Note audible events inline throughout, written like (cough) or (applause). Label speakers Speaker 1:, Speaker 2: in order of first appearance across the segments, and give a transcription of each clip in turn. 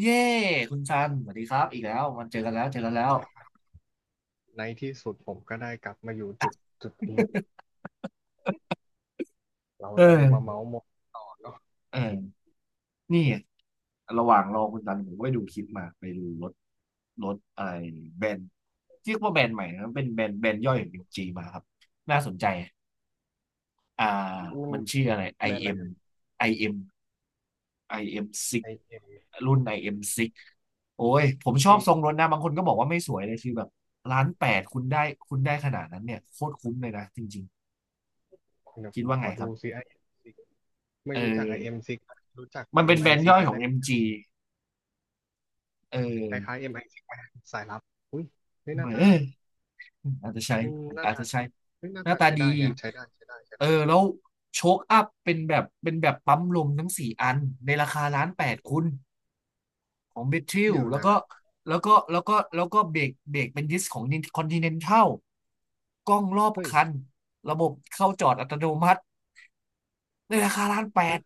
Speaker 1: เย้คุณซันสวัสดีครับอีกแล้วมันเจอกันแล้วเจอกันแล้
Speaker 2: วัน
Speaker 1: ว
Speaker 2: นี้ในที่สุดผมก็ได้กลับมาอยู่จุดนี้เรา
Speaker 1: เอ
Speaker 2: จะได้มา
Speaker 1: อ
Speaker 2: เมาส์มอยต่อเนาะ
Speaker 1: เออนี่ระหว่างรอคุณซันผมก็ไปดูคลิปมาไปดูรถรถอะไรแบรนด์เรียกว่าแบรนด์ใหม่นะเป็นแบรนด์แบรนด์ย่อยของบีเอ็มจีมาครับน่าสนใจอ่า
Speaker 2: มัน
Speaker 1: มันชื่ออะไร
Speaker 2: แบรนด์อะ
Speaker 1: IM ็ม
Speaker 2: ไร
Speaker 1: ไอเอ็มไอเอ็มซิ6
Speaker 2: เอ่ยไอเอ็ม
Speaker 1: รุ่น IM 6โอ้ยผมชอบทร
Speaker 2: เอ
Speaker 1: งรถนะบางคนก็บอกว่าไม่สวยเลยคือแบบล้านแปดคุณได้คุณได้ขนาดนั้นเนี่ยโคตรคุ้มเลยนะจริง
Speaker 2: เดี๋ย
Speaker 1: ๆ
Speaker 2: ว
Speaker 1: คิ
Speaker 2: ผ
Speaker 1: ด
Speaker 2: ม
Speaker 1: ว่า
Speaker 2: ข
Speaker 1: ไง
Speaker 2: อ
Speaker 1: ค
Speaker 2: ดู
Speaker 1: รับ
Speaker 2: ซิไอเอ็มซิกไม่
Speaker 1: เอ
Speaker 2: รู้จักไอเอ็ม
Speaker 1: อ
Speaker 2: ซิกรู้จัก
Speaker 1: มั
Speaker 2: แต่
Speaker 1: นเป็
Speaker 2: เอ็
Speaker 1: น
Speaker 2: ม
Speaker 1: แบ
Speaker 2: ไอ
Speaker 1: รนด์
Speaker 2: ซิ
Speaker 1: ย่
Speaker 2: ก
Speaker 1: อย
Speaker 2: อะ
Speaker 1: ของ
Speaker 2: ได้
Speaker 1: MG เออ
Speaker 2: คล้ายๆเอ็มไอซิกสายลับอุ้ยเฮ้ยห
Speaker 1: เห
Speaker 2: น้า
Speaker 1: มือน
Speaker 2: ตา
Speaker 1: เอออาจจะใช้
Speaker 2: อืมหน้า
Speaker 1: อาจ
Speaker 2: ตา
Speaker 1: จะใช้
Speaker 2: เฮ้ยหน้า
Speaker 1: หน้า
Speaker 2: ตา
Speaker 1: ตา
Speaker 2: ใช้
Speaker 1: ดี
Speaker 2: ได้แฮะใช้
Speaker 1: เอ
Speaker 2: ได้
Speaker 1: อแล้วโชคอัพเป็นแบบเป็นแบบปั๊มลมทั้งสี่อันในราคาล้านแปดคุณของเบทริล
Speaker 2: เดี๋ยว
Speaker 1: แล้ว
Speaker 2: นะ
Speaker 1: ก็แล้วก็แล้วก็แล้วก็เบรกเบรกเป็นดิสของคอนติเนนทัลกล้องรอบ
Speaker 2: เฮ้ย
Speaker 1: คัน ระบบเข้าจอดอัตโนมัติในราคาล้านแป
Speaker 2: นั่
Speaker 1: ด
Speaker 2: น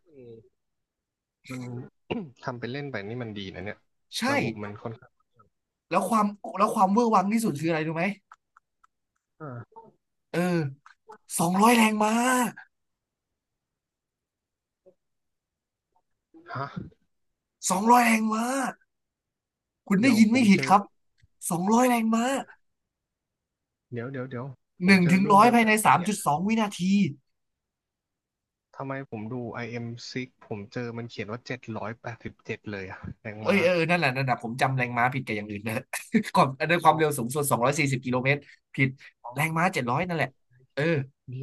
Speaker 2: มัน (coughs) ทำเป็นเล่นไปนี่มันดีนะเนี่ย
Speaker 1: ใช่
Speaker 2: ระบบมันค่อนข้าง
Speaker 1: แล้วความแล้วความเวอร์วังที่สุดคืออะไรรู้ไหม
Speaker 2: อ่า
Speaker 1: เออสองร้อยแรงม้า
Speaker 2: ฮะ
Speaker 1: สองร้อยแรงม้า คุณได้
Speaker 2: เดี๋ยว
Speaker 1: ยิน
Speaker 2: ผ
Speaker 1: ไม่
Speaker 2: ม
Speaker 1: ผิ
Speaker 2: เจ
Speaker 1: ด
Speaker 2: อ
Speaker 1: ครับสองร้อยแรงม้า
Speaker 2: เดี๋ยวผ
Speaker 1: ห
Speaker 2: ม
Speaker 1: นึ่ง
Speaker 2: เจอ
Speaker 1: ถึง
Speaker 2: รุ่น
Speaker 1: ร้อย
Speaker 2: เดียว
Speaker 1: ภาย
Speaker 2: กั
Speaker 1: ใน
Speaker 2: นปะ
Speaker 1: สาม
Speaker 2: เนี่ย
Speaker 1: จุดสองวินาที
Speaker 2: ทำไมผมดู IM6 ผมเจอมันเขียนว่าเจ็ดร้อยแปดสิบเจ็ดเลยอะแรง
Speaker 1: เอ้
Speaker 2: ม้า
Speaker 1: ยเออเออนั่นแหละนั่นแหละผมจำแรงม้าผิดกับอย่างอื่นนะ (laughs) ก่อนด้นควา
Speaker 2: อ๋
Speaker 1: ม
Speaker 2: อ
Speaker 1: เร็วสูงสุดสองร้อยสี่สิบกิโลเมตรผิด
Speaker 2: อ๋อ
Speaker 1: แรงม้าเจ็ดร้อยนั่นแหละเออ
Speaker 2: เดี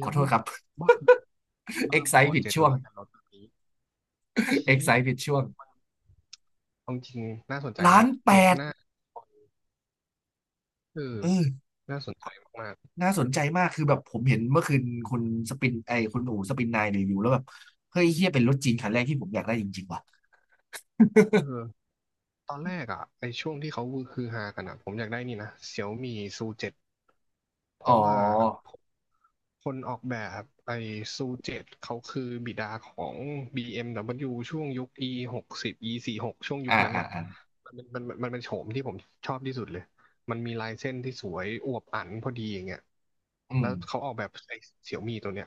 Speaker 1: ข
Speaker 2: ๋
Speaker 1: อ
Speaker 2: ยว
Speaker 1: โทษครับ
Speaker 2: บ้า
Speaker 1: (laughs)
Speaker 2: บ้า
Speaker 1: เอ็ก
Speaker 2: บ
Speaker 1: ไซ
Speaker 2: อ
Speaker 1: ผิด
Speaker 2: เจ็ด
Speaker 1: ช่ว
Speaker 2: ร้
Speaker 1: ง
Speaker 2: อยกับรถแบบนี้
Speaker 1: เอ็
Speaker 2: ชี้
Speaker 1: กไซผิดช่วง
Speaker 2: เอาจริงน่าสนใจ
Speaker 1: ล้า
Speaker 2: นะ
Speaker 1: นแป
Speaker 2: เบรก
Speaker 1: ด
Speaker 2: หน้าเออ
Speaker 1: เออ
Speaker 2: น่าสนใจมาก
Speaker 1: น่าสนใจมากคือแบบผมเห็นเมื่อคืนคุณสปินไอคุณอู๋สปินนายรีวิวแล้วแบบเฮ้ยเฮียเป็นรถจีนคันแรกที่ผมอยากได้จริงๆว่ะ
Speaker 2: ๆเออ ตอนแรกอ่ะในช่วงที่เขาคือฮากันอ่ะผมอยากได้นี่นะเสี่ยวมีซูเจ็ดเพ
Speaker 1: อ๋
Speaker 2: ราะว่า
Speaker 1: อ
Speaker 2: คนออกแบบไอ้ซูเจ็ดเขาคือบิดาของ BMW ช่วงยุค E หกสิบ E สี่สิบหกช่วงยุ
Speaker 1: อ่า
Speaker 2: คนั้น
Speaker 1: อ่า
Speaker 2: อ่ะ
Speaker 1: อ่า
Speaker 2: มันเป็นโฉมที่ผมชอบที่สุดเลยมันมีลายเส้นที่สวยอวบอั่นพอดีอย่างเงี้ย
Speaker 1: อื
Speaker 2: แล้
Speaker 1: ม
Speaker 2: วเขาออกแบบไอ้เสี่ยวมีตัวเนี้ย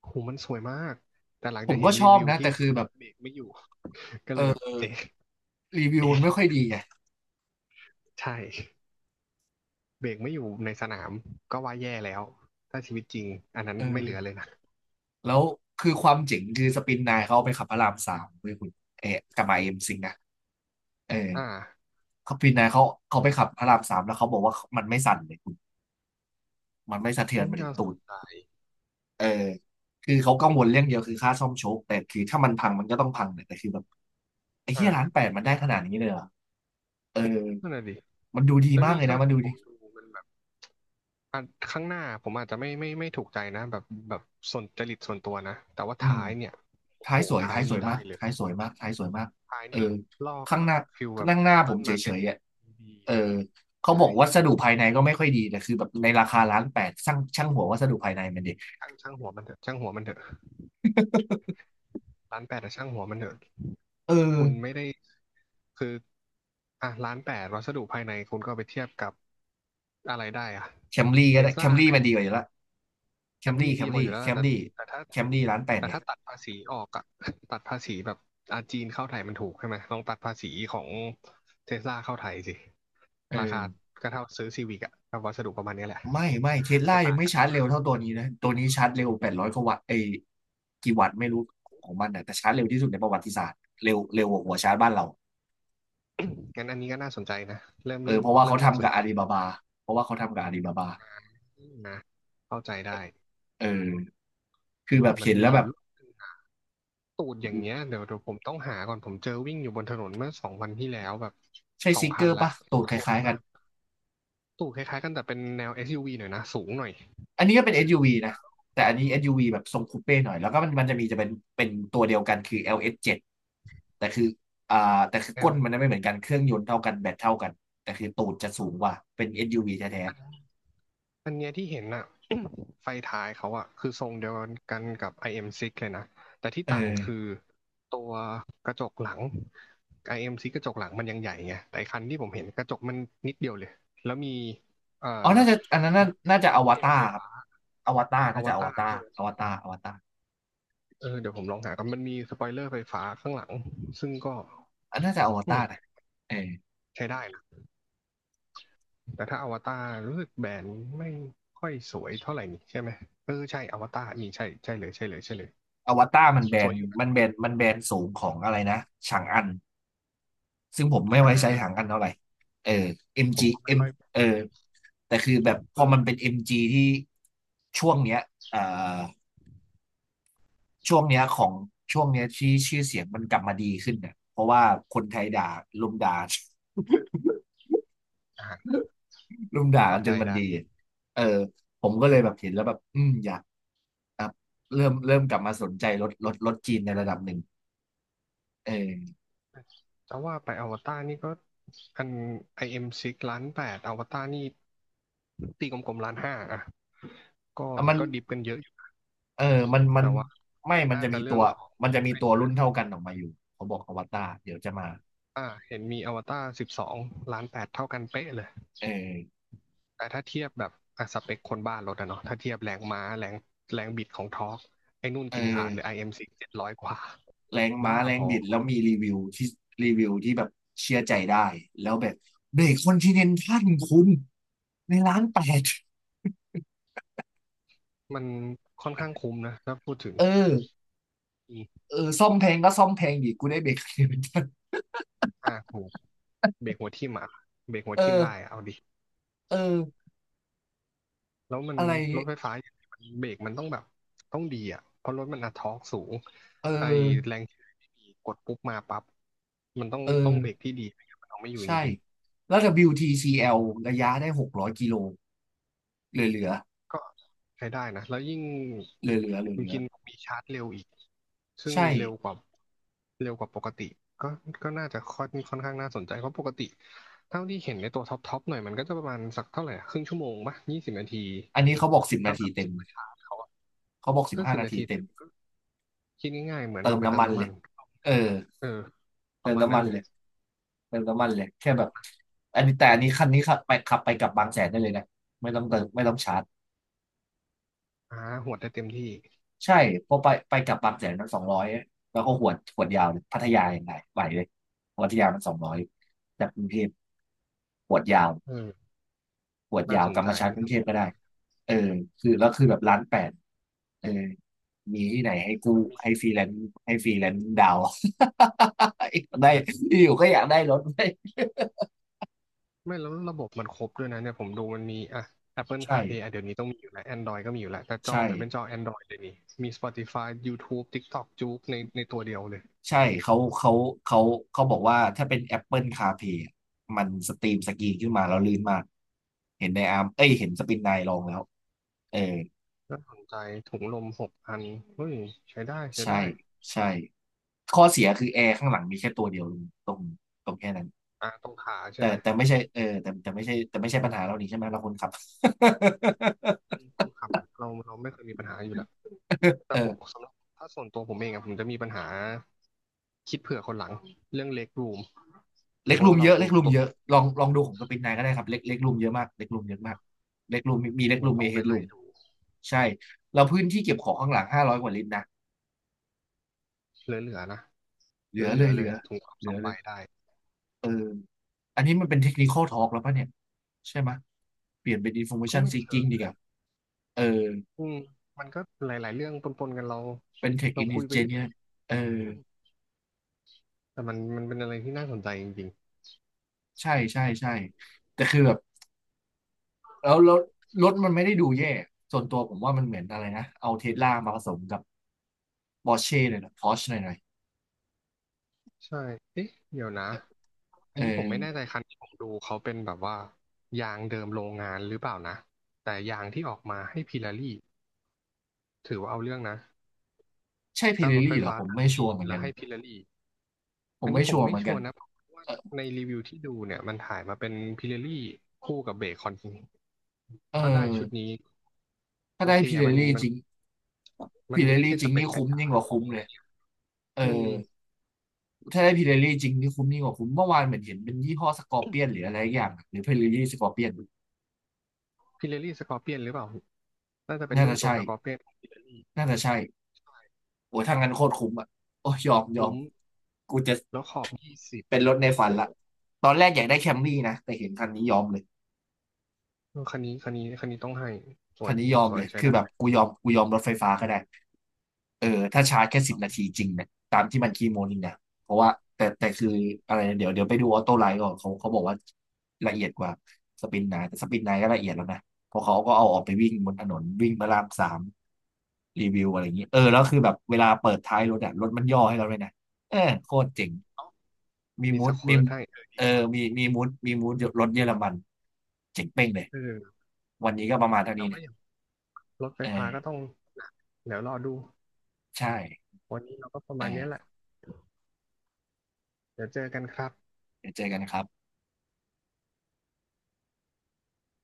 Speaker 2: โหูมันสวยมากแต่หลัง
Speaker 1: ผ
Speaker 2: จะ
Speaker 1: ม
Speaker 2: เห็
Speaker 1: ก็
Speaker 2: น
Speaker 1: ช
Speaker 2: รี
Speaker 1: อบ
Speaker 2: วิว
Speaker 1: นะ
Speaker 2: ที่
Speaker 1: แต่คือแบบ
Speaker 2: เบรกไม่อยู่ (laughs) ก็เลยแบบ
Speaker 1: เออ
Speaker 2: เอ๊ะ
Speaker 1: รีวิวมั
Speaker 2: เอ๊ะ
Speaker 1: นไม่ค่อยดีไง
Speaker 2: ใช่ เบรกไม่อยู่ในสนามก็ว่าแย่แล้วถ้าชีวิตจริงอันนั้น
Speaker 1: เอ
Speaker 2: ไม่
Speaker 1: อ
Speaker 2: เหลือเลยนะ
Speaker 1: แล้วคือความเจ๋งคือสปินนายเขาเอาไปขับพระรามสามเลยคุณเอ๊ะกลับมาเอ็มซิงนะเออ
Speaker 2: อ่า
Speaker 1: เขาสปินนายเขาเขาไปขับพระรามสามแล้วเขาบอกว่ามันไม่สั่นเลยคุณมันไม่สะเทือน
Speaker 2: อุ้ย
Speaker 1: ไปถึง
Speaker 2: น่าส
Speaker 1: ตูด
Speaker 2: น
Speaker 1: เออคือเขากังวลเรื่องเดียวคือค่าซ่อมโชคแต่คือถ้ามันพังมันก็ต้องพังเนี่ยแต่คือแบบไอ้
Speaker 2: อ
Speaker 1: เหี้ยล้านแปด
Speaker 2: ่า
Speaker 1: มันได้ขนาดนี้เลยเหรอเออ
Speaker 2: นั่นแหะดิ
Speaker 1: มันดูดี
Speaker 2: แล้ว
Speaker 1: มาก
Speaker 2: นี่
Speaker 1: เลย
Speaker 2: เท่า
Speaker 1: นะมัน
Speaker 2: ที่
Speaker 1: ดู
Speaker 2: ผ
Speaker 1: ดี
Speaker 2: มดูมันแบบอ่ะข้างหน้าผมอาจจะไม่ถูกใจนะแบบแบบส่วนจริตส่วนตัวนะแต่ว่า
Speaker 1: อืม
Speaker 2: ท้ายเนี่ยโอ้
Speaker 1: ท้า
Speaker 2: โห
Speaker 1: ยสวย
Speaker 2: ท้า
Speaker 1: ท้า
Speaker 2: ย
Speaker 1: ยส
Speaker 2: นี่
Speaker 1: วยมา
Speaker 2: ได้
Speaker 1: ก
Speaker 2: เลย
Speaker 1: ท้ายสวยมากท้ายสวยมาก
Speaker 2: ท้าย
Speaker 1: เออ
Speaker 2: นี่ลอก
Speaker 1: ข้าง
Speaker 2: แบ
Speaker 1: ห
Speaker 2: บ
Speaker 1: น้า
Speaker 2: ฟิล
Speaker 1: ข้า
Speaker 2: แบบ
Speaker 1: ง
Speaker 2: แอ
Speaker 1: หน้า
Speaker 2: ส
Speaker 1: ผ
Speaker 2: ตั
Speaker 1: ม
Speaker 2: น
Speaker 1: เฉ
Speaker 2: มาเต็น
Speaker 1: ยๆอ่ะ
Speaker 2: ดี
Speaker 1: เออเขาบอ
Speaker 2: ใช่
Speaker 1: กวัสดุภายในก็ไม่ค่อยดีแต่คือแบบในราคาล้านแปดช่างช่างหัววัสดุภายในมันดิ
Speaker 2: ช่างหัวมันเถอะช่างหัวมันเถอะ
Speaker 1: (laughs)
Speaker 2: ร้านแปดแต่ช่างหัวมันเถอะ
Speaker 1: เออ
Speaker 2: คุณไม่ได้ คืออ่ะร้านแปดวัสดุภายในคุณก็เอาไปเทียบกับอะไรได้อ่ะ
Speaker 1: แคมรี่
Speaker 2: เท
Speaker 1: ก็ได้
Speaker 2: ส
Speaker 1: แค
Speaker 2: ลา
Speaker 1: มรี่
Speaker 2: ไหม
Speaker 1: มันดีกว่าอยู่ละแค
Speaker 2: แค
Speaker 1: ม
Speaker 2: มรี่
Speaker 1: รี่แค
Speaker 2: ดี
Speaker 1: ม
Speaker 2: กว่าอ
Speaker 1: รี่
Speaker 2: ยู่แล้ว
Speaker 1: แค
Speaker 2: ล่ะ
Speaker 1: ม
Speaker 2: แต่
Speaker 1: รี่
Speaker 2: แต่ถ้า
Speaker 1: แคมรี่ล้านแปด
Speaker 2: แต่
Speaker 1: ไง
Speaker 2: ถ้าตัดภาษีออกอะ (laughs) ตัดภาษีแบบอาจีนเข้าไทยมันถูกใช่ไหม ลองตัดภาษีของเทสลาเข้าไทยสิ
Speaker 1: เอ
Speaker 2: ราคา
Speaker 1: อ
Speaker 2: ก็เท่าซื้อซีวิกอะกับวัสดุประมาณเนี้ยแหละ
Speaker 1: ไม่ไม่เทสลา
Speaker 2: ไม่
Speaker 1: ยั
Speaker 2: ต่า
Speaker 1: ง
Speaker 2: ง
Speaker 1: ไม่
Speaker 2: กั
Speaker 1: ชาร์จ
Speaker 2: น
Speaker 1: เร็วเท่าตัวนี้นะตัวนี้ชาร์จเร็วแปดร้อยกว่าวัตต์ไอยกี่วัตต์ไม่รู้ของมันนะแต่ชาร์จเร็วที่สุดในประวัติศาสตร์เร็วเร็วกว่าหัวชาร์จบ้านเรา
Speaker 2: งั้นอันนี้ก็น่าสนใจนะ
Speaker 1: เออเพราะว่า
Speaker 2: เริ่
Speaker 1: เขา
Speaker 2: มน่า
Speaker 1: ทำ
Speaker 2: สน
Speaker 1: กับ
Speaker 2: ใจ
Speaker 1: อาลีบา
Speaker 2: ดี
Speaker 1: บาเพราะว่าเขาทำกับอาลีบาบา
Speaker 2: นะเข้าใจได้
Speaker 1: เออคือแบ
Speaker 2: แต่
Speaker 1: บ
Speaker 2: มัน
Speaker 1: เห็น
Speaker 2: มี
Speaker 1: แล้ว
Speaker 2: อ
Speaker 1: แบ
Speaker 2: ยู่
Speaker 1: บ
Speaker 2: รุ่นหนึ่ง ตูดอย่างเงี้ยเดี๋ยวผมต้องหาก่อนผมเจอวิ่งอยู่บนถนนเมื่อสองวันที่แล้วแบบ
Speaker 1: ใช่
Speaker 2: สอ
Speaker 1: ซิ
Speaker 2: ง
Speaker 1: กเก
Speaker 2: คั
Speaker 1: อ
Speaker 2: น
Speaker 1: ร์
Speaker 2: ละ
Speaker 1: ปะตูดค
Speaker 2: สวย
Speaker 1: ล้ายๆกั
Speaker 2: มา
Speaker 1: น
Speaker 2: กตูดคล้ายๆกันแต่เป็นแนว SUV หน่อยนะสูงหน่อย
Speaker 1: อันนี้ก็เป็น SUV นะแต่อันนี้ SUV แบบทรงคูเป้หน่อยแล้วก็มันมันจะมีจะเป็นเป็นตัวเดียวกันคือ LS7 แต่คืออ่าแต่คือ
Speaker 2: แน
Speaker 1: ก้น
Speaker 2: ว
Speaker 1: มันไม่เหมือนกันเครื่องยนต์เท่ากันแบตเท่ากันแต่คือตูดจะสูงกว่าเป็น SUV แท้
Speaker 2: อันอันเนี้ยที่เห็นอะ (coughs) ไฟท้ายเขาอะคือทรงเดียวกันกับ IM6 เอ็มซิกส์เลยนะแต่ที่
Speaker 1: ๆเอ
Speaker 2: ต่างคือ
Speaker 1: อ
Speaker 2: ตัวกระจกหลัง IM6 กส์กระจกหลังมันยังใหญ่ไงแต่ไอ้คันที่ผมเห็นกระจกมันนิดเดียวเลยแล้วมีเอ่อ
Speaker 1: อ๋อน่าจะอันนั้นน่าน่าจะอ
Speaker 2: ดัก
Speaker 1: ว
Speaker 2: เทล
Speaker 1: ตาร
Speaker 2: ไฟ
Speaker 1: ครับ
Speaker 2: ฟ้า
Speaker 1: อวตาร
Speaker 2: อ
Speaker 1: น่า
Speaker 2: ว
Speaker 1: จะอว
Speaker 2: ตาร
Speaker 1: ตาร
Speaker 2: ใช่ไหม
Speaker 1: อวตารอวตาร
Speaker 2: เออเดี๋ยวผมลองหากันมันมีสปอยเลอร์ไฟฟ้าข้างหลังซึ่งก็
Speaker 1: อันน่าจะอว
Speaker 2: อื
Speaker 1: ตา
Speaker 2: ม
Speaker 1: รนะเออ
Speaker 2: ใช้ได้นะแต่ถ้าอวตารรู้สึกแบนไม่ค่อยสวยเท่าไหร่นี่ใช่ไหมเออใช่อวตารนี่ใช่ใช่เลย
Speaker 1: อวตารมันแบ
Speaker 2: สว
Speaker 1: น
Speaker 2: ยอยู่นะ
Speaker 1: มันแบนมันแบนสูงของอะไรนะฉางอันซึ่งผมไม่
Speaker 2: อ่
Speaker 1: ไว้ใช้ฉาง
Speaker 2: า
Speaker 1: อันเท่าไหร่เออ
Speaker 2: ผม
Speaker 1: MG
Speaker 2: ก็ไม่
Speaker 1: M
Speaker 2: ค่อย
Speaker 1: เออแต่คือแบบพอมัน
Speaker 2: เออ
Speaker 1: เป็น MG ที่ช่วงเนี้ยเอ่อช่วงเนี้ยของช่วงเนี้ยที่ชื่อเสียงมันกลับมาดีขึ้นเนี่ยเพราะว่าคนไทยด่าลุมด่า
Speaker 2: อ่าน
Speaker 1: (laughs) ลุมด่ากั
Speaker 2: เข้า
Speaker 1: นจ
Speaker 2: ใจ
Speaker 1: นมัน
Speaker 2: ได้
Speaker 1: ดีเออผมก็เลยแบบเห็นแล้วแบบอืมอยากอ่ะเริ่มเริ่มกลับมาสนใจรถรถรถจีนในระดับหนึ่งเออ
Speaker 2: แต่ว่าไปอวตารนี่ก็อัน IM6 ล้านแปดอวตารนี่ตีกลมๆล้านห้าอ่ะก็
Speaker 1: อ่ะมัน
Speaker 2: ก็ดิบกันเยอะอยู่
Speaker 1: เออมัน
Speaker 2: แต่ว่า
Speaker 1: ไม่
Speaker 2: มัน
Speaker 1: มัน
Speaker 2: น่า
Speaker 1: จะ
Speaker 2: จะ
Speaker 1: มีตั
Speaker 2: เรื่อง
Speaker 1: ว
Speaker 2: ของ
Speaker 1: มันจะมี
Speaker 2: ไอ้
Speaker 1: ตัว
Speaker 2: นี่แห
Speaker 1: รุ่น
Speaker 2: ละ
Speaker 1: เท่ากันออกมาอยู่เขาบอกอวตารเดี๋ยวจะมา
Speaker 2: อ่าเห็นมีอวตารสิบสองล้านแปดเท่ากันเป๊ะเลย
Speaker 1: เออ
Speaker 2: แต่ถ้าเทียบแบบอ่ะสเปคคนบ้านรถอะเนาะถ้าเทียบแรงม้าแรงแรงบิดของทอร์กไอ้นู่น
Speaker 1: เออ
Speaker 2: กินขาดเลย IM6 เอ็มซีเจ็ดร้อยกว่า
Speaker 1: แรงม้า
Speaker 2: บ้า
Speaker 1: แร
Speaker 2: พ
Speaker 1: ง
Speaker 2: อ
Speaker 1: บิดแล้วมีรีวิวที่รีวิวที่แบบเชื่อใจได้แล้วแบบเบรกคอนติเนนทัลคุณในร้านแปด
Speaker 2: มันค่อนข้างคุ้มนะถ้าพูดถึง
Speaker 1: เออ
Speaker 2: อี
Speaker 1: เออซ่อมแพงก็ซ่อมแพงอีกกูได้เบรกคอนติเนนทัล
Speaker 2: ห้าหกเบรกหัวทิ่มอะเบรกหัว
Speaker 1: เอ
Speaker 2: ทิ่มได้
Speaker 1: อ
Speaker 2: อะเอาดิ
Speaker 1: เออ
Speaker 2: แล้วมัน
Speaker 1: อะไรอย่าง
Speaker 2: ร
Speaker 1: งี้
Speaker 2: ถไฟฟ้าอย่างเงี้ยมันเบรกมันต้องแบบต้องดีอ่ะเพราะรถมันอะทอร์กสูง
Speaker 1: เออ
Speaker 2: ไอแรงเฉื่อยไม่มีกดปุ๊บมาปั๊บมันต้อง
Speaker 1: เออ
Speaker 2: ต้องเบรกที่ดีไม่งั้นมันเอาไม่อยู่จ
Speaker 1: ใช่
Speaker 2: ริง
Speaker 1: แล้วดับเบิลยูที t c l ระยะได้600 กิโลเหลือ เหลือ
Speaker 2: ก็ใช้ได้นะแล้วยิ่ง
Speaker 1: เหลือ เหลือเหลือ
Speaker 2: คุ
Speaker 1: เห
Speaker 2: ณ
Speaker 1: ลือ
Speaker 2: กินมีชาร์จเร็วอีกซึ่ง
Speaker 1: ใช่
Speaker 2: เร็วกว่าเร็วกว่าปกติก็ก็น่าจะค่อนค่อนข้างน่าสนใจเพราะปกติเท่าที่เห็นในตัวท็อปหน่อยมันก็จะประมาณสักเท่าไหร่อะครึ่งชั่วโมงปะยี่สิบนาที
Speaker 1: อันนี้เขาบอกสิบ
Speaker 2: ถ้า
Speaker 1: นา
Speaker 2: แบ
Speaker 1: ที
Speaker 2: บ
Speaker 1: เต็
Speaker 2: ซุ
Speaker 1: ม
Speaker 2: ปเปอร์ชาร์จเขาอะ
Speaker 1: เขาบอกสิบ
Speaker 2: ถ้า
Speaker 1: ห้า
Speaker 2: สิบ
Speaker 1: นา
Speaker 2: นา
Speaker 1: ที
Speaker 2: ที
Speaker 1: เต็
Speaker 2: เต็
Speaker 1: ม
Speaker 2: มก็คิดง่ายๆเหมือน
Speaker 1: เติ
Speaker 2: เรา
Speaker 1: ม
Speaker 2: ไปเติ
Speaker 1: น้ำ
Speaker 2: ม
Speaker 1: มัน
Speaker 2: น้ำ
Speaker 1: เล
Speaker 2: มั
Speaker 1: ย
Speaker 2: น
Speaker 1: เออ
Speaker 2: เออป
Speaker 1: เติ
Speaker 2: ระ
Speaker 1: ม
Speaker 2: มาณ
Speaker 1: น้ำ
Speaker 2: นั้
Speaker 1: มั
Speaker 2: น
Speaker 1: น
Speaker 2: เล
Speaker 1: เล
Speaker 2: ย
Speaker 1: ยเติมน้ำมันเลยแค่แบบอันนี้แต่อันนี้คันนี้ขับไปขับไปกลับบางแสนได้เลยนะไม่ต้องเติมไม่ต้องชาร์จ
Speaker 2: อ่าหวดได้เต็มที่
Speaker 1: ใช่เพราะไปกลับบางแสนมันสองร้อยแล้วก็หวดยาวเลยพัทยายังไงไหวเลยพัทยามันสองร้อยจากกรุงเทพหวดยาว
Speaker 2: เออ
Speaker 1: ปวด
Speaker 2: น่า
Speaker 1: ยาว
Speaker 2: ส
Speaker 1: ก
Speaker 2: น
Speaker 1: ลับ
Speaker 2: ใจ
Speaker 1: มาชาร์จกรุง
Speaker 2: น่า
Speaker 1: เท
Speaker 2: ส
Speaker 1: พ
Speaker 2: น
Speaker 1: ก็
Speaker 2: ใจ
Speaker 1: ได้เออคือแบบร้านแปดเออมีที่ไหนให้กู
Speaker 2: แล้ว
Speaker 1: ให้
Speaker 2: ม
Speaker 1: ฟรีแลนซ์ให้ฟรีแลนซ์ดาว (laughs) ได้
Speaker 2: ี
Speaker 1: อยู่ก็อยากได้รถ (laughs) เว้ย
Speaker 2: ไม่แล้วระบบมันครบด้วยนะเนี่ยผมดูมันมีอ่ะ Apple
Speaker 1: ใช่
Speaker 2: CarPlay อ่ะเดี๋ยวนี้ต้องมีอยู่แล้ว Android ก็มีอยู่แล้วแต่จอ
Speaker 1: ใช่
Speaker 2: เหมือนเป็นจอ Android เลยนี่มี Spotify YouTube TikTok จุกในตัวเดียวเลย
Speaker 1: ใช่เขาเขาเขาบอกว่าถ้าเป็น Apple CarPlay อะมันสตรีมสกรีนขึ้นมาแล้วลื่นมากเห็นในอาร์มเอ้ยเห็นสปินไนลองแล้วเออ
Speaker 2: น่าสนใจถุงลม6000เฮ้ยใช้ได้ใช้
Speaker 1: ใช่
Speaker 2: ได้
Speaker 1: ใช่ข้อเสียคือแอร์ข้างหลังมีแค่ตัวเดียวตรงตรงแค่นั้น
Speaker 2: อ่ะตรงขาใช่
Speaker 1: แต่
Speaker 2: ไหม
Speaker 1: แต่ไม่ใช่เออแต่ไม่ใช่ไม่ใช่ปัญหาเรานี่ใช่ไหมเราคนขับ (laughs)
Speaker 2: ต้นขาเราไม่เคยมีปัญหาอยู่แล้วแต่ผม
Speaker 1: เออ
Speaker 2: สำหรับถ้าส่วนตัวผมเองอะผมจะมีปัญหาคิดเผื่อคนหลังเรื่องเล็กรูม
Speaker 1: เล็
Speaker 2: เพ
Speaker 1: ก
Speaker 2: ราะ
Speaker 1: รู
Speaker 2: ว่า
Speaker 1: ม
Speaker 2: เรา
Speaker 1: เยอะเล็กรูม
Speaker 2: ตัว
Speaker 1: เยอะลองดูของสปินนายก็ได้ครับเล็กรูมเยอะมากเล็กรูมเยอะมากเล็กรูมมีเล็ก
Speaker 2: เนี่
Speaker 1: รู
Speaker 2: ย
Speaker 1: ม
Speaker 2: ต้อ
Speaker 1: มี
Speaker 2: ง
Speaker 1: เฮ
Speaker 2: ไป
Speaker 1: ด
Speaker 2: ไล่
Speaker 1: รูม
Speaker 2: ดู
Speaker 1: ใช่เราพื้นที่เก็บของข้างหลัง500กว่าลิตรนะ
Speaker 2: เหลือๆนะ
Speaker 1: เหลือ
Speaker 2: เหลื
Speaker 1: เล
Speaker 2: อ
Speaker 1: ย
Speaker 2: ๆเลยถุงลม
Speaker 1: เห
Speaker 2: ส
Speaker 1: ลื
Speaker 2: อ
Speaker 1: อ
Speaker 2: ง
Speaker 1: เล
Speaker 2: ใบ
Speaker 1: ย
Speaker 2: ได้
Speaker 1: เอออันนี้มันเป็นเทคนิคอลทอล์กแล้วป่ะเนี่ยใช่ไหมยเปลี่ยนเป็นอินโฟ m a ม
Speaker 2: ก็
Speaker 1: ชัน
Speaker 2: ไม่
Speaker 1: ซี
Speaker 2: เชิ
Speaker 1: กิ้ง
Speaker 2: ง
Speaker 1: ดีกว่าเออ
Speaker 2: อืมมันก็หลายๆเรื่องปนๆกันเรา
Speaker 1: เป็นเทค
Speaker 2: เรา
Speaker 1: อิน
Speaker 2: คุยไป
Speaker 1: เจ
Speaker 2: เรื่
Speaker 1: เนี
Speaker 2: อ
Speaker 1: ย
Speaker 2: ย
Speaker 1: เออ
Speaker 2: แต่มันเป็นอะไรที่น่าสนใจจริง
Speaker 1: ใช่ใช่ใช่แต่คือแบบ แล้วรถมันไม่ได้ดูแย่ส่วนตัวผมว่ามันเหมือนอะไรนะเอาเทสลามาผสมกับปอร์เช่เลยนะพอร์ชหน่อย
Speaker 2: ๆใช่เอ๊ะเดี๋ยวนะ
Speaker 1: ๆ
Speaker 2: อั
Speaker 1: เอ
Speaker 2: นนี้ผม
Speaker 1: อ
Speaker 2: ไม่แน่ใจคันที่ผมดูเขาเป็นแบบว่ายางเดิมโรงงานหรือเปล่านะแต่ยางที่ออกมาให้พิลารี่ถือว่าเอาเรื่องนะ
Speaker 1: ใช่พิ
Speaker 2: ถ้า
Speaker 1: เร
Speaker 2: รถไฟ
Speaker 1: ลี่เหรอ
Speaker 2: ฟ้า
Speaker 1: ผม
Speaker 2: ทาง
Speaker 1: ไม่ชั
Speaker 2: จี
Speaker 1: วร์
Speaker 2: น
Speaker 1: เหมือน
Speaker 2: แล้
Speaker 1: กั
Speaker 2: ว
Speaker 1: น
Speaker 2: ให้พิลารี่
Speaker 1: ผ
Speaker 2: อั
Speaker 1: ม
Speaker 2: น
Speaker 1: ไม่
Speaker 2: นี้ผ
Speaker 1: ชั
Speaker 2: ม
Speaker 1: วร์
Speaker 2: ไม่
Speaker 1: เหมือนกั
Speaker 2: ชั
Speaker 1: น
Speaker 2: วร์นะเพราะว่า
Speaker 1: เออ
Speaker 2: ในรีวิวที่ดูเนี่ยมันถ่ายมาเป็นพิลารี่คู่กับเบคอน
Speaker 1: เออ
Speaker 2: ถ้าได้ชุดนี้
Speaker 1: ถ้า
Speaker 2: โอ
Speaker 1: ได้
Speaker 2: เค
Speaker 1: พิเร
Speaker 2: อ่ะมัน
Speaker 1: ลี่
Speaker 2: มัน
Speaker 1: จริง
Speaker 2: มั
Speaker 1: พิ
Speaker 2: น
Speaker 1: เร
Speaker 2: ไม่
Speaker 1: ลี่
Speaker 2: ใช่
Speaker 1: จ
Speaker 2: ส
Speaker 1: ริง
Speaker 2: เปค
Speaker 1: นี่
Speaker 2: ไก่
Speaker 1: คุ้ม
Speaker 2: จ๋า
Speaker 1: ยิ่งกว่า
Speaker 2: ของ
Speaker 1: คุ้มเล
Speaker 2: ไอ้
Speaker 1: ย
Speaker 2: นี่
Speaker 1: เอ
Speaker 2: อืม
Speaker 1: อถ้าได้พิเรลี่จริงนี่คุ้มยิ่งกว่าคุ้มเมื่อวานเหมือนเห็นเป็นยี่ห้อสกอร์เปียนหรืออะไรอย่างหรือพิเรลี่สกอร์เปียน
Speaker 2: พิเรลี่สกอร์เปียนหรือเปล่าน่าจะเป็น
Speaker 1: น่า
Speaker 2: รุ่น
Speaker 1: จะ
Speaker 2: ตัว
Speaker 1: ใช่
Speaker 2: สกอร์เปียนของพิเรลี่
Speaker 1: น่าจะใช่โอ้ยทางนั้นโคตรคุ้มอ่ะโอ้ยยอมยอม
Speaker 2: คุ้ม
Speaker 1: กูจะ
Speaker 2: แล้วขอบ20
Speaker 1: เป็นรถใน
Speaker 2: โอ้โห
Speaker 1: ฝันละ ตอนแรกอยากได้แคมรี่นะ แต่เห็นคันนี้ยอมเลย
Speaker 2: คันนี้ต้องให้สว
Speaker 1: คั
Speaker 2: ย
Speaker 1: น
Speaker 2: จ
Speaker 1: นี้
Speaker 2: ริง
Speaker 1: ยอม
Speaker 2: สว
Speaker 1: เล
Speaker 2: ย
Speaker 1: ย
Speaker 2: ใช้
Speaker 1: คือ
Speaker 2: ได้
Speaker 1: แบบกูยอมรถไฟฟ้าก็ได้เออถ้าชาร์จแค่สิบนาทีจริงเนี่ยตามที่มันคีโมนี่นะเพราะว่าแต่คืออะไรนะเดี๋ยวไปดูออโต้ไลน์ก่อนเขาบอกว่าละเอียดกว่าสปินไนแต่สปินไนก็ละเอียดแล้วนะ เพราะเขาก็เอาออกไปวิ่งบนถนนวิ่งพระรามสามรีวิวอะไรอย่างนี้เออแล้วคือแบบเวลาเปิดท้ายรถอะรถมันย่อให้เราเลยนะเออโคตรเจ๋ง มี
Speaker 2: มี
Speaker 1: มู
Speaker 2: ส
Speaker 1: ดมี
Speaker 2: เคิร์ตให้เออ
Speaker 1: เอ
Speaker 2: ดี
Speaker 1: อ
Speaker 2: ว่ะ
Speaker 1: มีมูดรถเยอรมันเจ๋งเป้งเลย
Speaker 2: เออ
Speaker 1: วันนี้ก็ประมาณเท่า
Speaker 2: แต่
Speaker 1: นี้เนี่
Speaker 2: ว่า
Speaker 1: ย
Speaker 2: อย่างรถไฟ
Speaker 1: เออ
Speaker 2: ฟ้าก็ต้องเดี๋ยวรอดู
Speaker 1: ใช่
Speaker 2: วันนี้เราก็ประ
Speaker 1: เอ
Speaker 2: มาณเนี้ยแห
Speaker 1: อ
Speaker 2: ละเดี๋ยวเจอกันครับ
Speaker 1: เดี๋ยวเจอกันนะครับ